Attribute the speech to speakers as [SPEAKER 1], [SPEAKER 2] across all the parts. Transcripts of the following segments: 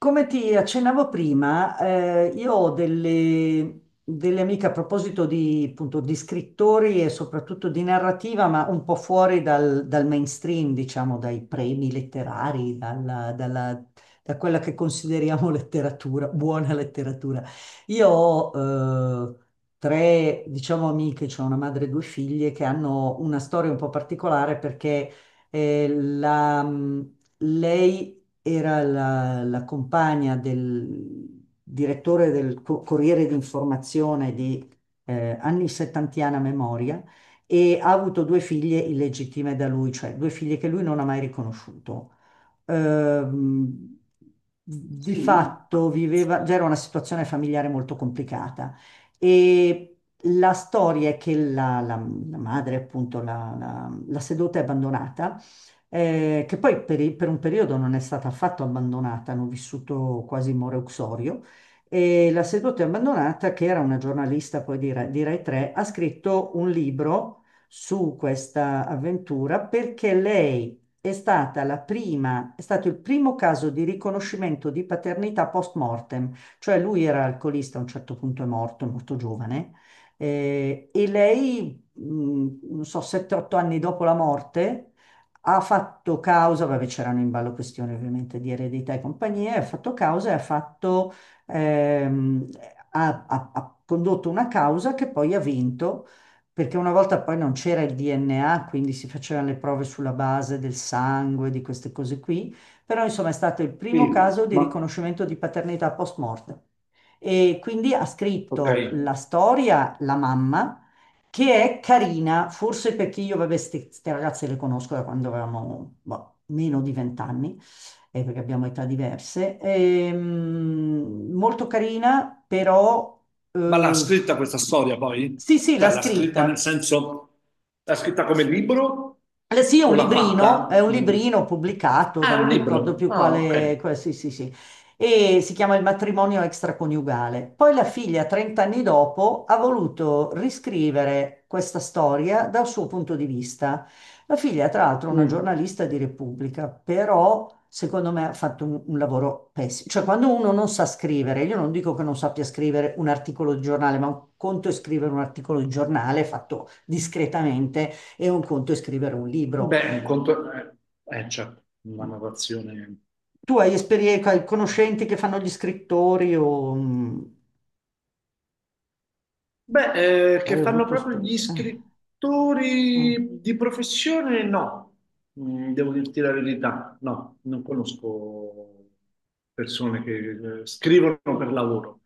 [SPEAKER 1] Come ti accennavo prima, io ho delle amiche a proposito di, appunto, di scrittori e soprattutto di narrativa, ma un po' fuori dal mainstream, diciamo, dai premi letterari, da quella che consideriamo letteratura, buona letteratura. Io ho tre, diciamo, amiche, cioè una madre e due figlie, che hanno una storia un po' particolare perché eh, la, lei era la compagna del direttore del Corriere d'Informazione di anni settantiana memoria. E ha avuto due figlie illegittime da lui, cioè due figlie che lui non ha mai riconosciuto. ehm, di
[SPEAKER 2] Sì,
[SPEAKER 1] fatto viveva, già era una situazione familiare molto complicata, e la storia è che la madre, appunto, la seduta è abbandonata, che poi per un periodo non è stata affatto abbandonata, hanno vissuto quasi in Moreuxorio. E la seduta è abbandonata, che era una giornalista poi di Rai 3, ha scritto un libro su questa avventura perché lei è stata la prima, è stato il primo caso di riconoscimento di paternità post mortem, cioè lui era alcolista, a un certo punto è morto giovane. E lei, non so, 7-8 anni dopo la morte, ha fatto causa, vabbè, c'erano in ballo questioni ovviamente di eredità e compagnie, ha fatto causa e ha fatto, ehm, ha ha- ha condotto una causa che poi ha vinto, perché una volta poi non c'era il DNA, quindi si facevano le prove sulla base del sangue, di queste cose qui. Però insomma, è stato il primo
[SPEAKER 2] sì,
[SPEAKER 1] caso di
[SPEAKER 2] ma
[SPEAKER 1] riconoscimento di paternità post mortem. E quindi ha
[SPEAKER 2] ok.
[SPEAKER 1] scritto la storia la mamma, che è carina, forse perché io, vabbè, queste ragazze le conosco da quando avevamo boh, meno di vent'anni, perché abbiamo età diverse. Molto carina, però.
[SPEAKER 2] Ma l'ha
[SPEAKER 1] eh,
[SPEAKER 2] scritta questa storia poi?
[SPEAKER 1] sì, sì, l'ha
[SPEAKER 2] Cioè l'ha scritta nel
[SPEAKER 1] scritta.
[SPEAKER 2] senso, l'ha scritta come libro
[SPEAKER 1] Eh sì, è
[SPEAKER 2] o
[SPEAKER 1] un
[SPEAKER 2] l'ha
[SPEAKER 1] librino,
[SPEAKER 2] fatta? Mm.
[SPEAKER 1] pubblicato da
[SPEAKER 2] Ah, è
[SPEAKER 1] non
[SPEAKER 2] un
[SPEAKER 1] mi ricordo
[SPEAKER 2] libro.
[SPEAKER 1] più
[SPEAKER 2] Ah,
[SPEAKER 1] quale,
[SPEAKER 2] ok.
[SPEAKER 1] sì, sì, sì, e si chiama Il matrimonio extraconiugale. Poi la figlia, 30 anni dopo, ha voluto riscrivere questa storia dal suo punto di vista. La figlia, tra l'altro, è una
[SPEAKER 2] Mm.
[SPEAKER 1] giornalista di Repubblica, però secondo me ha fatto un lavoro pessimo. Cioè, quando uno non sa scrivere, io non dico che non sappia scrivere un articolo di giornale, ma un conto è scrivere un articolo di giornale fatto discretamente e un conto è scrivere un libro.
[SPEAKER 2] Beh, un conto... certo, una narrazione...
[SPEAKER 1] Tu hai esperienza, conoscenti che fanno gli scrittori o
[SPEAKER 2] Beh, che
[SPEAKER 1] hai
[SPEAKER 2] fanno
[SPEAKER 1] avuto
[SPEAKER 2] proprio gli
[SPEAKER 1] esperienza? Eh.
[SPEAKER 2] scrittori di professione? No. Mm, devo dirti la verità, no, non conosco persone che scrivono per lavoro.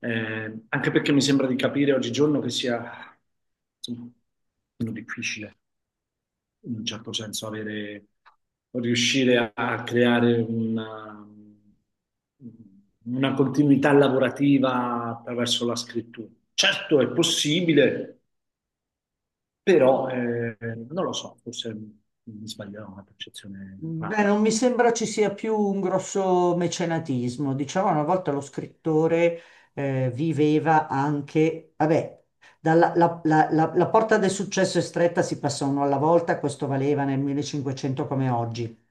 [SPEAKER 2] Anche perché mi sembra di capire oggigiorno che sia, insomma, meno difficile in un certo senso avere, riuscire a creare una continuità lavorativa attraverso la scrittura. Certo è possibile, però non lo so, forse mi sbaglierò, una percezione
[SPEAKER 1] Beh,
[SPEAKER 2] errata.
[SPEAKER 1] non mi sembra ci sia più un grosso mecenatismo. Diciamo, una volta lo scrittore viveva anche, vabbè, dalla, la, la- la- la porta del successo è stretta, si passa uno alla volta. Questo valeva nel 1500 come oggi.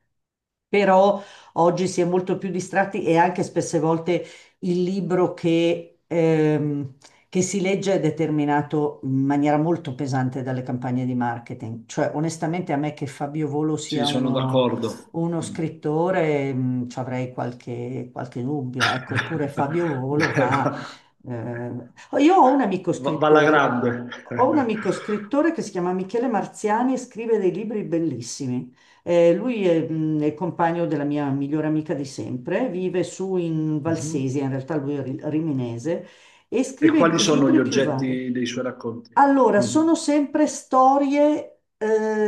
[SPEAKER 1] Però oggi si è molto più distratti e anche spesse volte il libro che si legge è determinato in maniera molto pesante dalle campagne di marketing. Cioè, onestamente, a me che Fabio Volo
[SPEAKER 2] Sì,
[SPEAKER 1] sia
[SPEAKER 2] sono
[SPEAKER 1] uno,
[SPEAKER 2] d'accordo.
[SPEAKER 1] uno
[SPEAKER 2] Mm.
[SPEAKER 1] scrittore, ci avrei qualche dubbio. Ecco, eppure Fabio Volo
[SPEAKER 2] Beh,
[SPEAKER 1] va.
[SPEAKER 2] va,
[SPEAKER 1] eh, Io ho un amico
[SPEAKER 2] va alla
[SPEAKER 1] scrittore.
[SPEAKER 2] grande.
[SPEAKER 1] Ho un amico scrittore che si chiama Michele Marziani e scrive dei libri bellissimi. Lui è il compagno della mia migliore amica di sempre, vive su in
[SPEAKER 2] Mhm.
[SPEAKER 1] Valsesia. In realtà lui è riminese, e
[SPEAKER 2] E
[SPEAKER 1] scrive
[SPEAKER 2] quali
[SPEAKER 1] i
[SPEAKER 2] sono gli
[SPEAKER 1] libri più vari.
[SPEAKER 2] oggetti dei suoi racconti?
[SPEAKER 1] Allora,
[SPEAKER 2] Mm.
[SPEAKER 1] sono sempre storie, eh,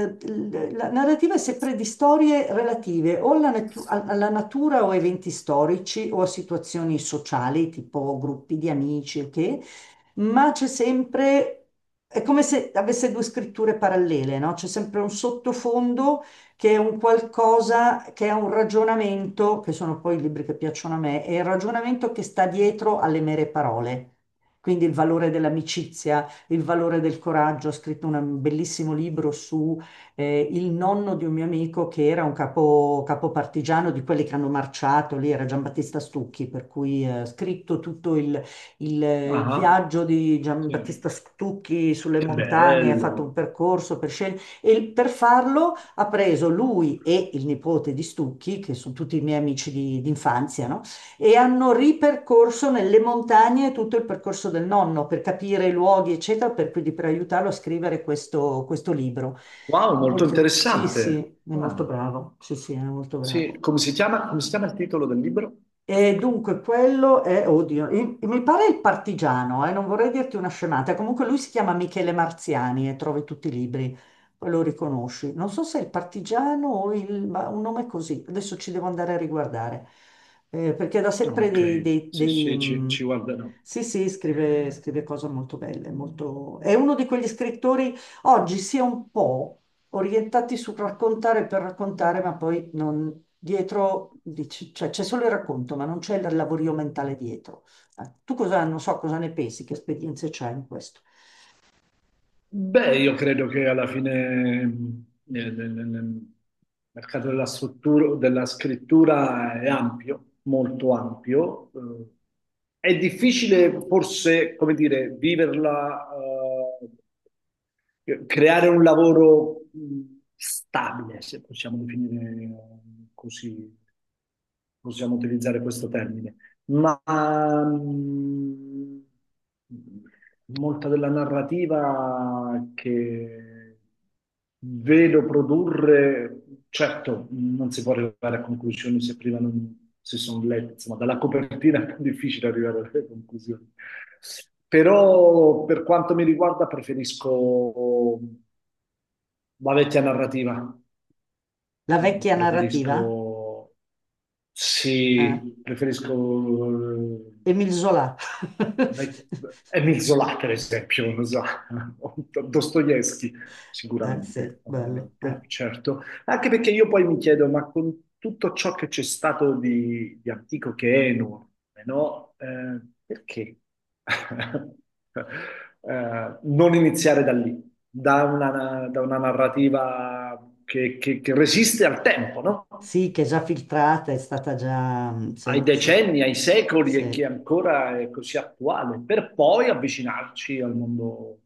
[SPEAKER 1] l- la narrativa è sempre di storie relative o alla natura o a eventi storici o a situazioni sociali, tipo gruppi di amici, ok? Ma c'è sempre, è come se avesse due scritture parallele, no? C'è sempre un sottofondo che è un qualcosa, che è un ragionamento, che sono poi i libri che piacciono a me, è il ragionamento che sta dietro alle mere parole. Quindi il valore dell'amicizia, il valore del coraggio. Ho scritto un bellissimo libro su il nonno di un mio amico che era un capo partigiano di quelli che hanno marciato lì, era Giambattista Stucchi, per cui ho scritto tutto il
[SPEAKER 2] Ah,
[SPEAKER 1] viaggio di
[SPEAKER 2] sì.
[SPEAKER 1] Giambattista Stucchi sulle
[SPEAKER 2] Che
[SPEAKER 1] montagne. Ha fatto un
[SPEAKER 2] bello.
[SPEAKER 1] percorso per scegliere e per farlo, ha preso lui e il nipote di Stucchi, che sono tutti i miei amici di infanzia, no? E hanno ripercorso nelle montagne tutto il percorso del nonno per capire i luoghi, eccetera, quindi per aiutarlo a scrivere questo libro.
[SPEAKER 2] Wow, molto
[SPEAKER 1] Sì, sì,
[SPEAKER 2] interessante.
[SPEAKER 1] è molto
[SPEAKER 2] Ah,
[SPEAKER 1] bravo. Sì, sì, è molto
[SPEAKER 2] sì,
[SPEAKER 1] bravo.
[SPEAKER 2] come si chiama il titolo del libro?
[SPEAKER 1] E dunque quello è, oddio, mi pare il partigiano, non vorrei dirti una scemata. Comunque lui si chiama Michele Marziani e trovi tutti i libri, poi lo riconosci. Non so se è il partigiano o ma un nome così, adesso ci devo andare a riguardare. Perché da
[SPEAKER 2] Ah,
[SPEAKER 1] sempre dei,
[SPEAKER 2] ok,
[SPEAKER 1] dei-
[SPEAKER 2] sì,
[SPEAKER 1] dei,
[SPEAKER 2] sì, ci, ci
[SPEAKER 1] mh,
[SPEAKER 2] guarderò.
[SPEAKER 1] Sì, sì, scrive cose molto belle. È uno di quegli scrittori oggi si è un po' orientati sul raccontare per raccontare, ma poi non dietro, cioè c'è solo il racconto, ma non c'è il lavorio mentale dietro. Non so cosa ne pensi, che esperienze c'è in questo?
[SPEAKER 2] Beh, io credo che alla fine nel mercato della struttura, della scrittura è ampio, molto ampio. È difficile forse, come dire, viverla, eh, creare un lavoro stabile, se possiamo definire, così, possiamo utilizzare questo termine, ma mm, molta della narrativa che vedo produrre, certo, non si può arrivare a conclusioni se prima non si sono lette, insomma, dalla copertina è più difficile arrivare alle conclusioni. Però per quanto mi riguarda preferisco la vecchia narrativa,
[SPEAKER 1] La vecchia narrativa?
[SPEAKER 2] preferisco,
[SPEAKER 1] Eh?
[SPEAKER 2] sì, preferisco
[SPEAKER 1] Émile Zola.
[SPEAKER 2] Emil Zola, per esempio, non so, Dostoevsky,
[SPEAKER 1] Sì,
[SPEAKER 2] sicuramente,
[SPEAKER 1] bello.
[SPEAKER 2] ovviamente,
[SPEAKER 1] Ah.
[SPEAKER 2] certo. Anche perché io poi mi chiedo, ma con tutto ciò che c'è stato di antico che è enorme, no? Perché non iniziare da lì, da una narrativa che, che resiste al tempo, no?
[SPEAKER 1] Sì, che è già filtrata, è stata già, mm.
[SPEAKER 2] Ai
[SPEAKER 1] Sì, sì,
[SPEAKER 2] decenni, ai secoli e
[SPEAKER 1] sì.
[SPEAKER 2] che ancora è così attuale, per poi avvicinarci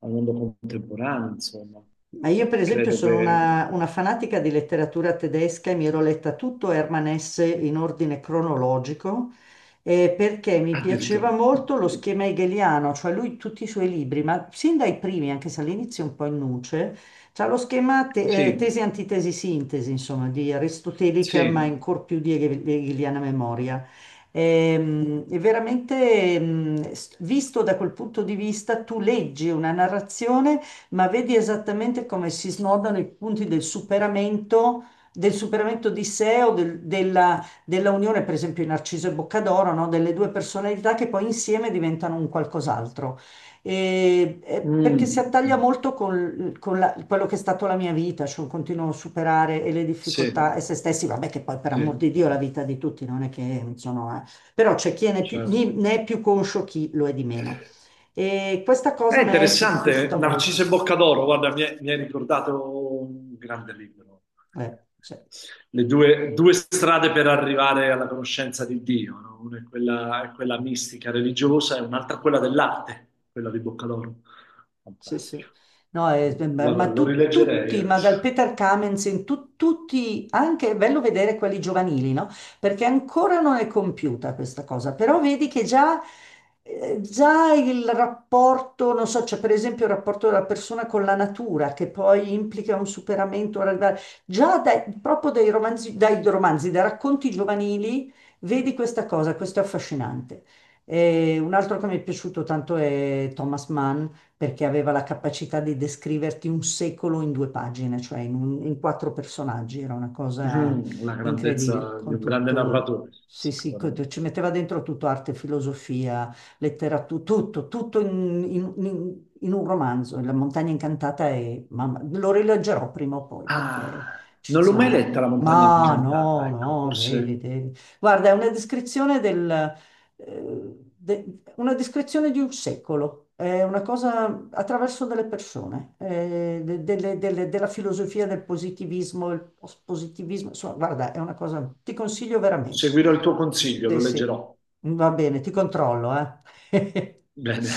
[SPEAKER 2] al mondo contemporaneo, insomma.
[SPEAKER 1] Ma io per esempio
[SPEAKER 2] Credo
[SPEAKER 1] sono
[SPEAKER 2] che
[SPEAKER 1] una fanatica di letteratura tedesca e mi ero letta tutto Hermann Hesse in ordine cronologico, perché mi piaceva
[SPEAKER 2] addirittura.
[SPEAKER 1] molto lo schema hegeliano, cioè lui tutti i suoi libri, ma sin dai primi, anche se all'inizio è un po' in nuce, c'ha lo schema
[SPEAKER 2] Sì,
[SPEAKER 1] tesi, antitesi, sintesi, insomma, di aristotelica, ma
[SPEAKER 2] sì.
[SPEAKER 1] ancora più di hegeliana memoria. E, veramente, visto da quel punto di vista, tu leggi una narrazione ma vedi esattamente come si snodano i punti del superamento di sé o della unione, per esempio in Narciso e Boccadoro, no? Delle due personalità che poi insieme diventano un qualcos'altro. E perché si
[SPEAKER 2] Mm,
[SPEAKER 1] attaglia
[SPEAKER 2] mm,
[SPEAKER 1] molto con quello che è stato la mia vita, cioè un continuo superare e le difficoltà
[SPEAKER 2] sì,
[SPEAKER 1] e se stessi, vabbè che poi per amor di
[SPEAKER 2] sì,
[SPEAKER 1] Dio la vita di tutti non è che sono. Però c'è chi
[SPEAKER 2] certo.
[SPEAKER 1] ne è più conscio, chi lo è di meno. E questa
[SPEAKER 2] È
[SPEAKER 1] cosa a me è sempre
[SPEAKER 2] interessante,
[SPEAKER 1] piaciuta
[SPEAKER 2] Narciso
[SPEAKER 1] molto.
[SPEAKER 2] e Boccadoro, guarda, mi hai ricordato un grande libro,
[SPEAKER 1] Sì.
[SPEAKER 2] le due, due strade per arrivare alla conoscenza di Dio, no? Una è quella mistica, religiosa, e un'altra quella dell'arte, quella di Boccadoro.
[SPEAKER 1] Sì, sì.
[SPEAKER 2] Fantastico.
[SPEAKER 1] No, è- ma
[SPEAKER 2] Guarda,
[SPEAKER 1] ma
[SPEAKER 2] lo
[SPEAKER 1] tu-
[SPEAKER 2] rileggerei
[SPEAKER 1] tutti, ma dal
[SPEAKER 2] adesso.
[SPEAKER 1] Peter Kamenzen, tutti, anche è bello vedere quelli giovanili, no? Perché ancora non è compiuta questa cosa, però vedi che già il rapporto, non so, c'è per esempio il rapporto della persona con la natura, che poi implica un superamento, un arrivare- già dai- proprio dai romanzi, dai racconti giovanili, vedi questa cosa, questo è affascinante. E un altro che mi è piaciuto tanto è Thomas Mann, perché aveva la capacità di descriverti un secolo in due pagine, cioè in quattro personaggi, era una cosa
[SPEAKER 2] Mm. La
[SPEAKER 1] incredibile,
[SPEAKER 2] grandezza di
[SPEAKER 1] con
[SPEAKER 2] un grande
[SPEAKER 1] tutto,
[SPEAKER 2] narratore,
[SPEAKER 1] sì, sì,
[SPEAKER 2] sicuramente.
[SPEAKER 1] ci metteva dentro tutto arte, filosofia, letteratura, tutto in un romanzo. La montagna incantata è, mamma, lo rileggerò prima o poi perché è
[SPEAKER 2] Ah, non l'ho mai
[SPEAKER 1] eccezionale.
[SPEAKER 2] letta La montagna
[SPEAKER 1] Ma
[SPEAKER 2] incantata,
[SPEAKER 1] no,
[SPEAKER 2] ecco,
[SPEAKER 1] no, devi,
[SPEAKER 2] forse
[SPEAKER 1] devi. Guarda, è una descrizione di un secolo, è una cosa attraverso delle persone, della filosofia del positivismo, il positivismo, insomma, guarda, è una cosa, ti consiglio veramente.
[SPEAKER 2] seguirò il tuo consiglio, lo
[SPEAKER 1] Sì, sì,
[SPEAKER 2] leggerò.
[SPEAKER 1] va bene, ti controllo, eh.
[SPEAKER 2] Bene.